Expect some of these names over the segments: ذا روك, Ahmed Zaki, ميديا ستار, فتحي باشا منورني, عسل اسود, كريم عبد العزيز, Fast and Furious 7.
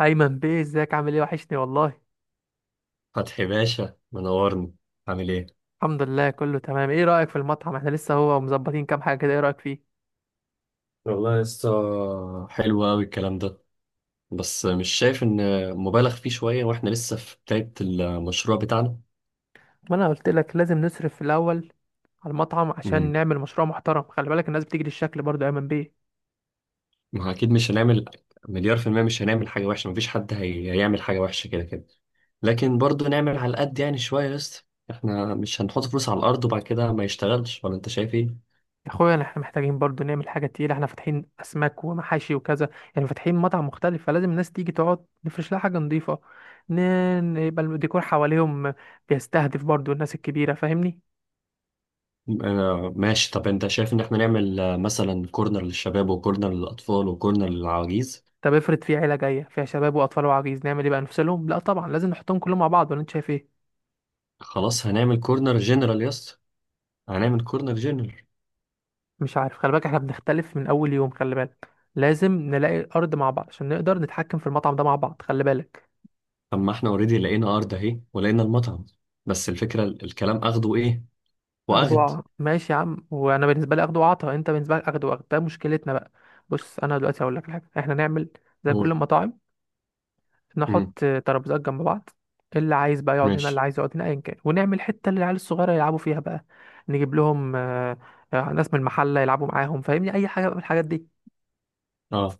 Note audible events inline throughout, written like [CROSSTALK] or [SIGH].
ايمن بيه، ازيك؟ عامل ايه؟ وحشني والله. فتحي باشا منورني. عامل ايه؟ الحمد لله كله تمام. ايه رايك في المطعم؟ احنا لسه هو مظبطين كام حاجه كده. ايه رايك فيه؟ والله لسه حلو قوي الكلام ده. بس مش شايف ان مبالغ فيه شوية واحنا لسه في بداية المشروع بتاعنا. ما انا قلت لك لازم نصرف في الاول على المطعم عشان امم نعمل مشروع محترم. خلي بالك الناس بتيجي للشكل برضو يا ايمن بيه. ما هو اكيد مش هنعمل مليار في المية، مش هنعمل حاجة وحشة، مفيش حد هيعمل حاجة وحشة كده كده. لكن برضه نعمل على قد يعني شوية لسه. احنا مش هنحط فلوس على الأرض وبعد كده ما يشتغلش، ولا انت شايف ايه؟ يا اخويا احنا محتاجين برضو نعمل حاجه تقيله. احنا فاتحين اسماك ومحاشي وكذا، يعني فاتحين مطعم مختلف، فلازم الناس تيجي تقعد، نفرش لها حاجه نظيفه. يبقى الديكور حواليهم بيستهدف برضو الناس الكبيره، فاهمني؟ آه ماشي. طب انت شايف ان احنا نعمل، مثلا كورنر للشباب وكورنر للأطفال وكورنر للعواجيز. طب افرض في عيله جايه فيها شباب واطفال وعجيز، نعمل ايه بقى؟ نفصلهم؟ لا طبعا، لازم نحطهم كلهم مع بعض، ولا انت شايف ايه؟ خلاص هنعمل كورنر جنرال يا اسطى، هنعمل كورنر جنرال. مش عارف، خلي بالك احنا بنختلف من اول يوم، خلي بالك. لازم نلاقي الارض مع بعض عشان نقدر نتحكم في المطعم ده مع بعض، خلي بالك. طب ما احنا اوريدي لقينا ارض اهي ولقينا المطعم. بس الفكره الكلام اخده ايه، اخده واخد. ماشي يا عم، وانا بالنسبه لي اخده وعطا، انت بالنسبه لك اخده وعطا، ده مشكلتنا بقى. بص انا دلوقتي هقول لك حاجه، احنا نعمل زي كل هو. المطاعم، امم نحط ترابيزات جنب بعض، اللي عايز بقى يقعد هنا، ماشي. اللي عايز يقعد هنا، ايا كان، ونعمل حته للعيال الصغيره يلعبوا فيها بقى. نجيب لهم ناس من المحله يلعبوا معاهم، فاهمني؟ اي حاجه بقى من الحاجات دي. اه.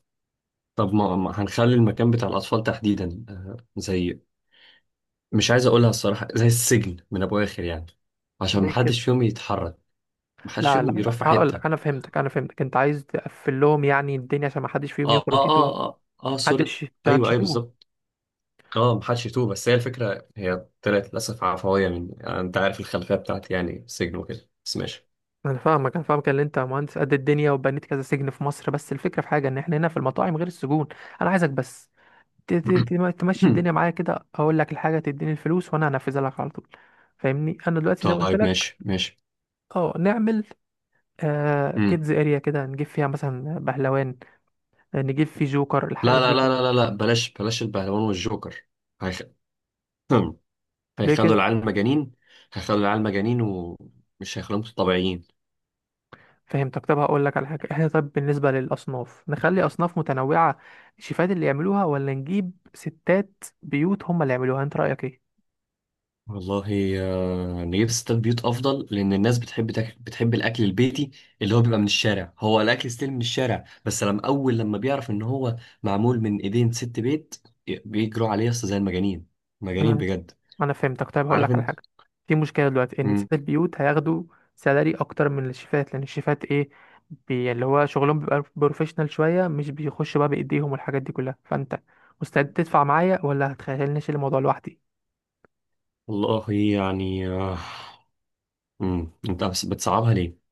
طب ما هنخلي المكان بتاع الاطفال تحديدا زي، مش عايز اقولها الصراحه، زي السجن من ابو اخر يعني، عشان زي كده. محدش فيهم يتحرك، محدش لا لا فيهم لا، يروح في هقول حته. لك، انا فهمتك، انا فهمتك، انت عايز تقفل لهم يعني الدنيا عشان ما حدش فيهم اه اه يخرج يتوه. اه اه، آه سوري. محدش، عشان ايوه محدش ايوه يتوه. بالظبط. اه محدش يتوه. بس هي الفكرة هي طلعت للأسف عفوية، من يعني أنت عارف الخلفية بتاعتي يعني السجن وكده، بس ماشي. انا فاهمك انا فاهمك ان انت مهندس قد الدنيا وبنيت كذا سجن في مصر، بس الفكره في حاجه ان احنا هنا في المطاعم غير السجون. انا عايزك بس تمشي الدنيا [COUGHS] معايا كده، اقول لك الحاجه تديني الفلوس وانا هنفذها لك على طول، فاهمني؟ انا دلوقتي زي ما قلت طيب لك، ماشي ماشي. اه نعمل آه مم. كيدز اريا كده، نجيب فيها مثلا بهلوان، نجيب فيه جوكر، لا الحاجات لا دي لا كلها. لا لا لا، بلاش بلاش البهلوان والجوكر. هيخ... [COUGHS] ليه هيخلوا كده؟ العيال مجانين، هيخلوا العيال مجانين ومش هيخلوهم طبيعيين. فهمتك. طب هقول لك على حاجه، احنا طب بالنسبه للاصناف نخلي اصناف متنوعه، الشيفات اللي يعملوها، ولا نجيب ستات بيوت هم اللي يعملوها؟ انت رايك ايه؟ والله نجيب ستات بيوت افضل، لان الناس بتحب تاكل، بتحب الاكل البيتي اللي هو بيبقى من الشارع، هو الاكل ستيل من الشارع، بس لما اول لما بيعرف ان هو معمول من ايدين ست بيت بيجروا عليه اصلا زي المجانين، مجانين بجد، انا فهمتك. طيب هقول لك عارف على انت. حاجه، في مشكله دلوقتي ان سيد مم. البيوت هياخدوا سالاري اكتر من الشيفات، لان الشيفات ايه، بي اللي هو شغلهم بيبقى بروفيشنال شويه، مش بيخش بقى بايديهم والحاجات دي كلها، فانت مستعد تدفع معايا ولا هتخيلني اشيل الموضوع لوحدي؟ والله يعني مم. انت بس بتصعبها ليه؟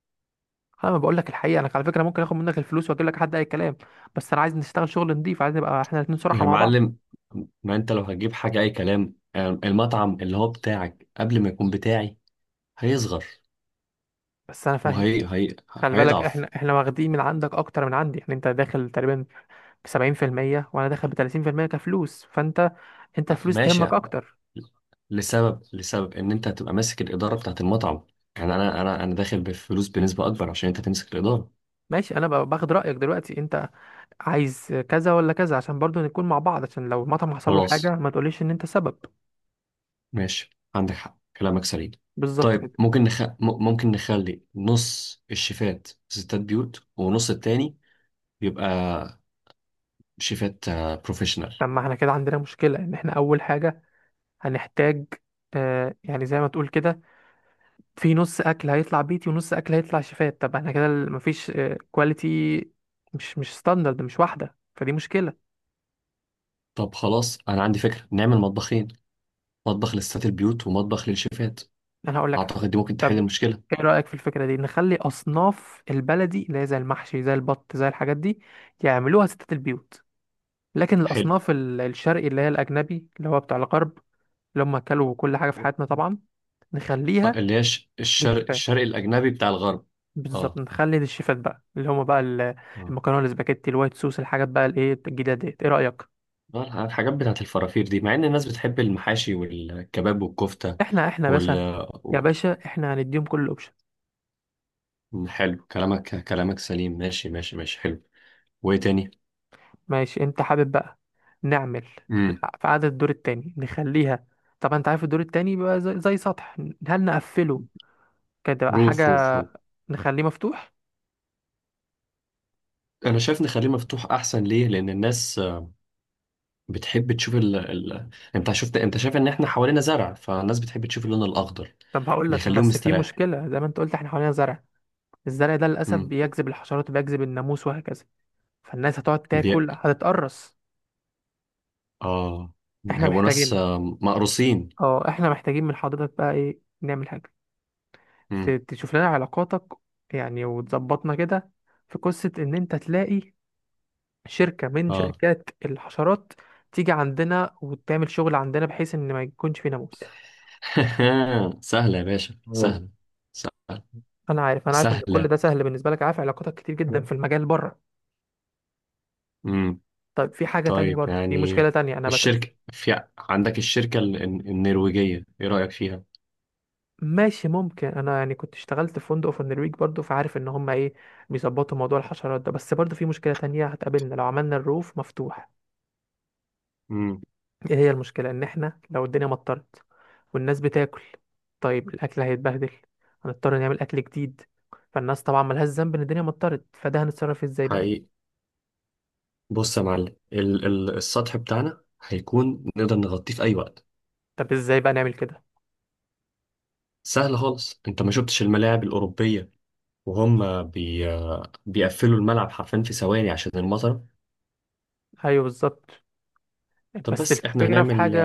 انا ما بقول لك الحقيقه، انا على فكره ممكن اخد منك الفلوس واجيب لك حد اي كلام، بس انا عايز نشتغل شغل نضيف، عايز نبقى احنا الاثنين صراحه يا مع بعض. معلم، ما انت لو هتجيب حاجه اي كلام المطعم اللي هو بتاعك قبل ما يكون بتاعي هيصغر. بس انا فاهم، وهي هي... خلي بالك هيضعف. احنا واخدين من عندك اكتر من عندي، يعني انت داخل تقريبا ب 70%، وانا داخل ب 30% كفلوس، فانت، انت الفلوس ماشي، تهمك اكتر. لسبب ان انت هتبقى ماسك الاداره بتاعت المطعم. يعني انا داخل بفلوس بنسبه اكبر عشان انت تمسك الاداره. ماشي، انا باخد رايك دلوقتي، انت عايز كذا ولا كذا، عشان برضو نكون مع بعض، عشان لو المطعم حصل له خلاص حاجه ما تقوليش ان انت سبب. ماشي، عندك حق كلامك سليم. بالظبط طيب كده. ممكن ممكن نخلي نص الشيفات ستات بيوت، ونص التاني بيبقى شيفات بروفيشنال. طب ما احنا كده عندنا مشكله، ان احنا اول حاجه هنحتاج آه يعني زي ما تقول كده، في نص اكل هيطلع بيتي ونص اكل هيطلع شيفات، طب احنا كده مفيش آه كواليتي، مش مش ستاندرد، مش واحده، فدي مشكله. طب خلاص انا عندي فكره، نعمل مطبخين، مطبخ لستات البيوت ومطبخ للشيفات. انا هقول لك حاجه، اعتقد دي ممكن تحل طب المشكله. ايه رايك في الفكره دي، نخلي اصناف البلدي اللي هي زي المحشي زي البط زي الحاجات دي يعملوها ستات البيوت، لكن حلو. الأصناف الشرقي اللي هي الأجنبي اللي هو بتاع الغرب، اللي هم أكلوا كل حاجة في حياتنا طبعا، نخليها اللي هي الشرق، للشيفات. الشرق الأجنبي بتاع الغرب. بالظبط، اه نخلي للشيفات بقى، اللي هم بقى اه. المكرونة، الاسباجيتي، الوايت صوص، الحاجات بقى الإيه الجديدة ديت. إيه رأيك؟ الحاجات بتاعت الفرافير دي، مع إن الناس بتحب المحاشي والكباب والكفتة. إحنا يا وال باشا، يا و- باشا إحنا هنديهم كل الأوبشن. حلو كلامك، كلامك سليم. ماشي ماشي ماشي، حلو. وإيه تاني؟ ماشي، أنت حابب بقى نعمل في امم في عدد الدور التاني نخليها، طبعا أنت عارف الدور التاني بيبقى زي، زي سطح، هل نقفله كده بقى حاجة، روف روف روف. نخليه مفتوح؟ أنا شايف نخليه مفتوح أحسن. ليه؟ لأن الناس بتحب تشوف أنت شفت، أنت شايف إن إحنا حوالينا زرع، فالناس بتحب تشوف اللون الأخضر، طب هقول لك، بيخليهم بس في مستريح. مشكلة، زي ما أنت قلت إحنا حوالينا زرع، الزرع ده للأسف امم بيجذب الحشرات وبيجذب الناموس وهكذا، فالناس هتقعد بي... تاكل هتتقرص. آه. احنا هيبقوا ناس محتاجين، مقروسين. اه احنا محتاجين من حضرتك بقى ايه، نعمل حاجة، امم تشوف لنا علاقاتك يعني وتظبطنا كده، في قصة ان انت تلاقي شركة من اه. شركات الحشرات تيجي عندنا وتعمل شغل عندنا بحيث ان ما يكونش في ناموس. [LAUGHS] سهلة يا باشا مم. سهلة. سهلة. انا عارف، انا عارف ان كل سهلة ده سهل بالنسبة لك، عارف علاقاتك كتير جدا في المجال بره. مم. طيب في حاجة تانية طيب برضه، في يعني، مشكلة تانية، انا الشركة في عندك، الشركة النرويجية ايه رأيك فيها؟ ماشي ممكن، انا يعني كنت اشتغلت في فندق في النرويج برضو، فعارف ان هم ايه بيظبطوا موضوع الحشرات ده، بس برضو في مشكلة تانية هتقابلنا لو عملنا الروف مفتوح، مم. ايه هي المشكلة؟ ان احنا لو الدنيا مطرت والناس بتاكل، طيب الاكل هيتبهدل، هنضطر نعمل اكل جديد، فالناس طبعا ملهاش ذنب ان الدنيا مطرت، فده هنتصرف ازاي بقى؟ حقيقي. بص يا معلم، ال السطح بتاعنا هيكون نقدر نغطيه في أي وقت. طب ازاي بقى نعمل كده؟ سهل خالص، انت ما شفتش الملاعب الأوروبية وهم بيقفلوا الملعب حرفيا في ثواني عشان المطر. ايوه بالظبط. طب بس بس احنا الفكرة في هنعمل. حاجة،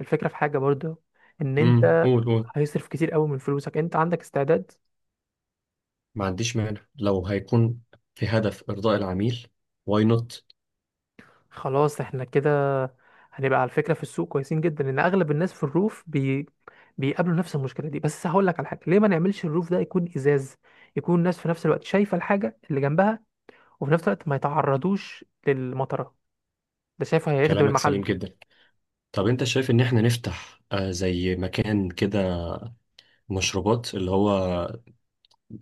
برضو، ان مم. انت قول قول. هيصرف كتير قوي من فلوسك، انت عندك استعداد؟ ما عنديش مانع لو هيكون في هدف إرضاء العميل، واي نوت. خلاص، احنا كده هنبقى على فكرة في السوق كويسين جدا، لان اغلب الناس في الروف بيقابلوا نفس المشكلة دي، بس هقول لك على حاجة، ليه ما نعملش الروف ده يكون ازاز، يكون الناس في نفس الوقت شايفة الحاجة اللي جنبها، وفي نفس الوقت ما يتعرضوش للمطرة، ده شايفه هيخدم كلامك المحل. سليم جدا. طب انت شايف ان احنا نفتح زي مكان كده مشروبات، اللي هو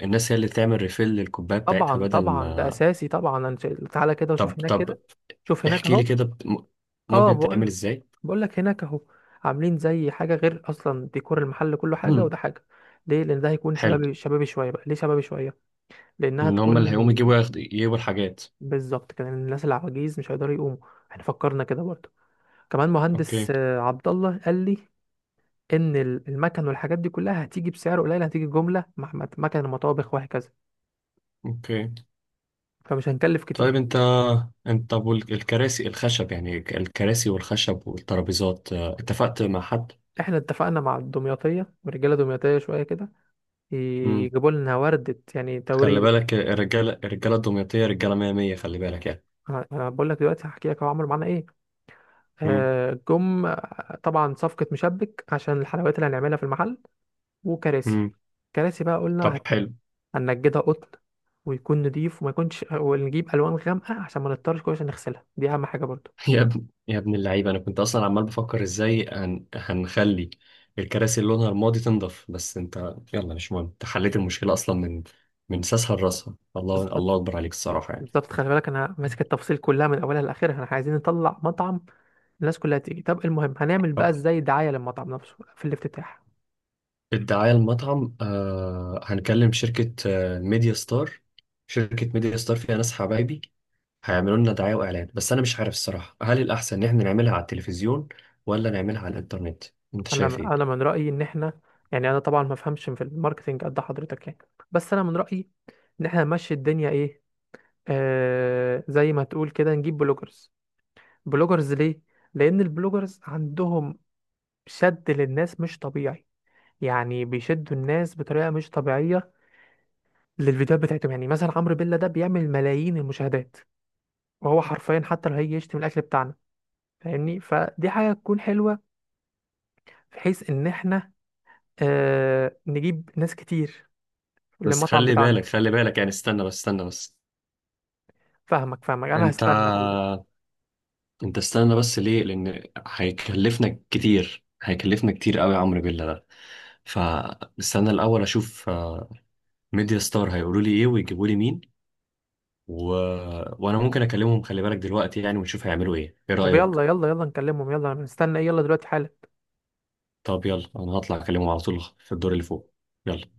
الناس هي اللي تعمل ريفيل للكوباية بتاعتها طبعا بدل طبعا ده ما. اساسي طبعا، أنا تعالى كده طب وشوف هناك كده، طب، شوف هناك احكي لي اهو. كده اه ممكن تعمل بقول، ازاي؟ بقول لك هناك اهو، عاملين زي حاجة غير، اصلا ديكور المحل كله حاجة مم. وده حاجة. ليه؟ لان ده هيكون حلو، شبابي، شبابي شوية بقى. ليه شبابي شوية؟ لانها ان تكون هم اللي هيقوموا يجيبوا، ياخد يجيبوا الحاجات. بالظبط كده، لأن الناس العواجيز مش هيقدروا يقوموا. احنا فكرنا كده برضه، كمان مهندس اوكي. عبد الله قال لي ان المكن والحاجات دي كلها هتيجي بسعر قليل، هتيجي جمله مع مكن ومطابخ وهكذا، اوكي. فمش هنكلف كتير. طيب انت طب، والكراسي الخشب يعني، الكراسي والخشب والترابيزات اتفقت مع حد؟ احنا اتفقنا مع الدمياطيه، ورجاله دمياطيه شويه كده، يجيبوا لنا ورده يعني خلي توريد. بالك الرجالة، الرجالة الدمياطية رجالة مية مية، خلي بالك يعني. أنا بقول لك دلوقتي هحكي لك هو عملوا معانا ايه، مم. جم طبعا صفقه مشبك عشان الحلويات اللي هنعملها في المحل، وكراسي، مم. كراسي بقى طب قلنا حلو. هننجدها قطن، ويكون نضيف وما يكونش، ونجيب الوان غامقه عشان ما نضطرش كل عشان نغسلها، دي اهم حاجه برضو. [LAUGHS] يا ابن يا ابن اللعيبة، أنا كنت أصلا عمال بفكر إزاي هنخلي الكراسي اللي لونها رمادي تنضف، بس أنت يلا مش مهم، أنت حليت المشكلة أصلا من ساسها لراسها. الله بالظبط، الله أكبر عليك الصراحة يعني. بالظبط، خلي بالك انا ماسك التفاصيل كلها من اولها لاخرها، احنا عايزين نطلع مطعم الناس كلها تيجي. طب المهم هنعمل بقى طب ازاي دعايه للمطعم نفسه في الافتتاح؟ الدعاية المطعم هنكلم شركة ميديا ستار، شركة ميديا ستار فيها ناس حبايبي، هيعملوا لنا دعاية وإعلان. بس أنا مش عارف الصراحة، هل الأحسن إن إحنا نعملها على التلفزيون ولا نعملها على الإنترنت؟ أنت انا شايف إيه؟ من رايي ان احنا، يعني انا طبعا ما افهمش في الماركتنج قد حضرتك يعني، بس انا من رايي ان احنا نمشي الدنيا ايه، آه زي ما تقول كده، نجيب بلوجرز. بلوجرز ليه؟ لان البلوجرز عندهم شد للناس مش طبيعي، يعني بيشدوا الناس بطريقه مش طبيعيه للفيديوهات بتاعتهم، يعني مثلا عمرو بيلا ده بيعمل ملايين المشاهدات، وهو حرفيا حتى لو هيجي يشتم الاكل بتاعنا، فاهمني؟ فدي حاجه تكون حلوه، بحيث ان احنا آه نجيب ناس كتير بس للمطعم خلي بالك بتاعنا. خلي بالك يعني، استنى بس استنى بس. فاهمك فاهمك، انا أنت هستنى، خلي بالك. أنت استنى بس. ليه؟ لأن هيكلفنا كتير، هيكلفنا كتير قوي يا عمرو بالله ده، فاستنى الأول أشوف ميديا ستار هيقولوا لي إيه ويجيبوا لي مين. و... وأنا ممكن أكلمهم، خلي بالك دلوقتي يعني، ونشوف هيعملوا إيه، إيه طب يلا رأيك؟ يلا يلا نكلمهم، يلا انا مستنى ايه؟ يلا دلوقتي حالا. طب يلا أنا هطلع أكلمهم على طول في الدور اللي فوق. يلا.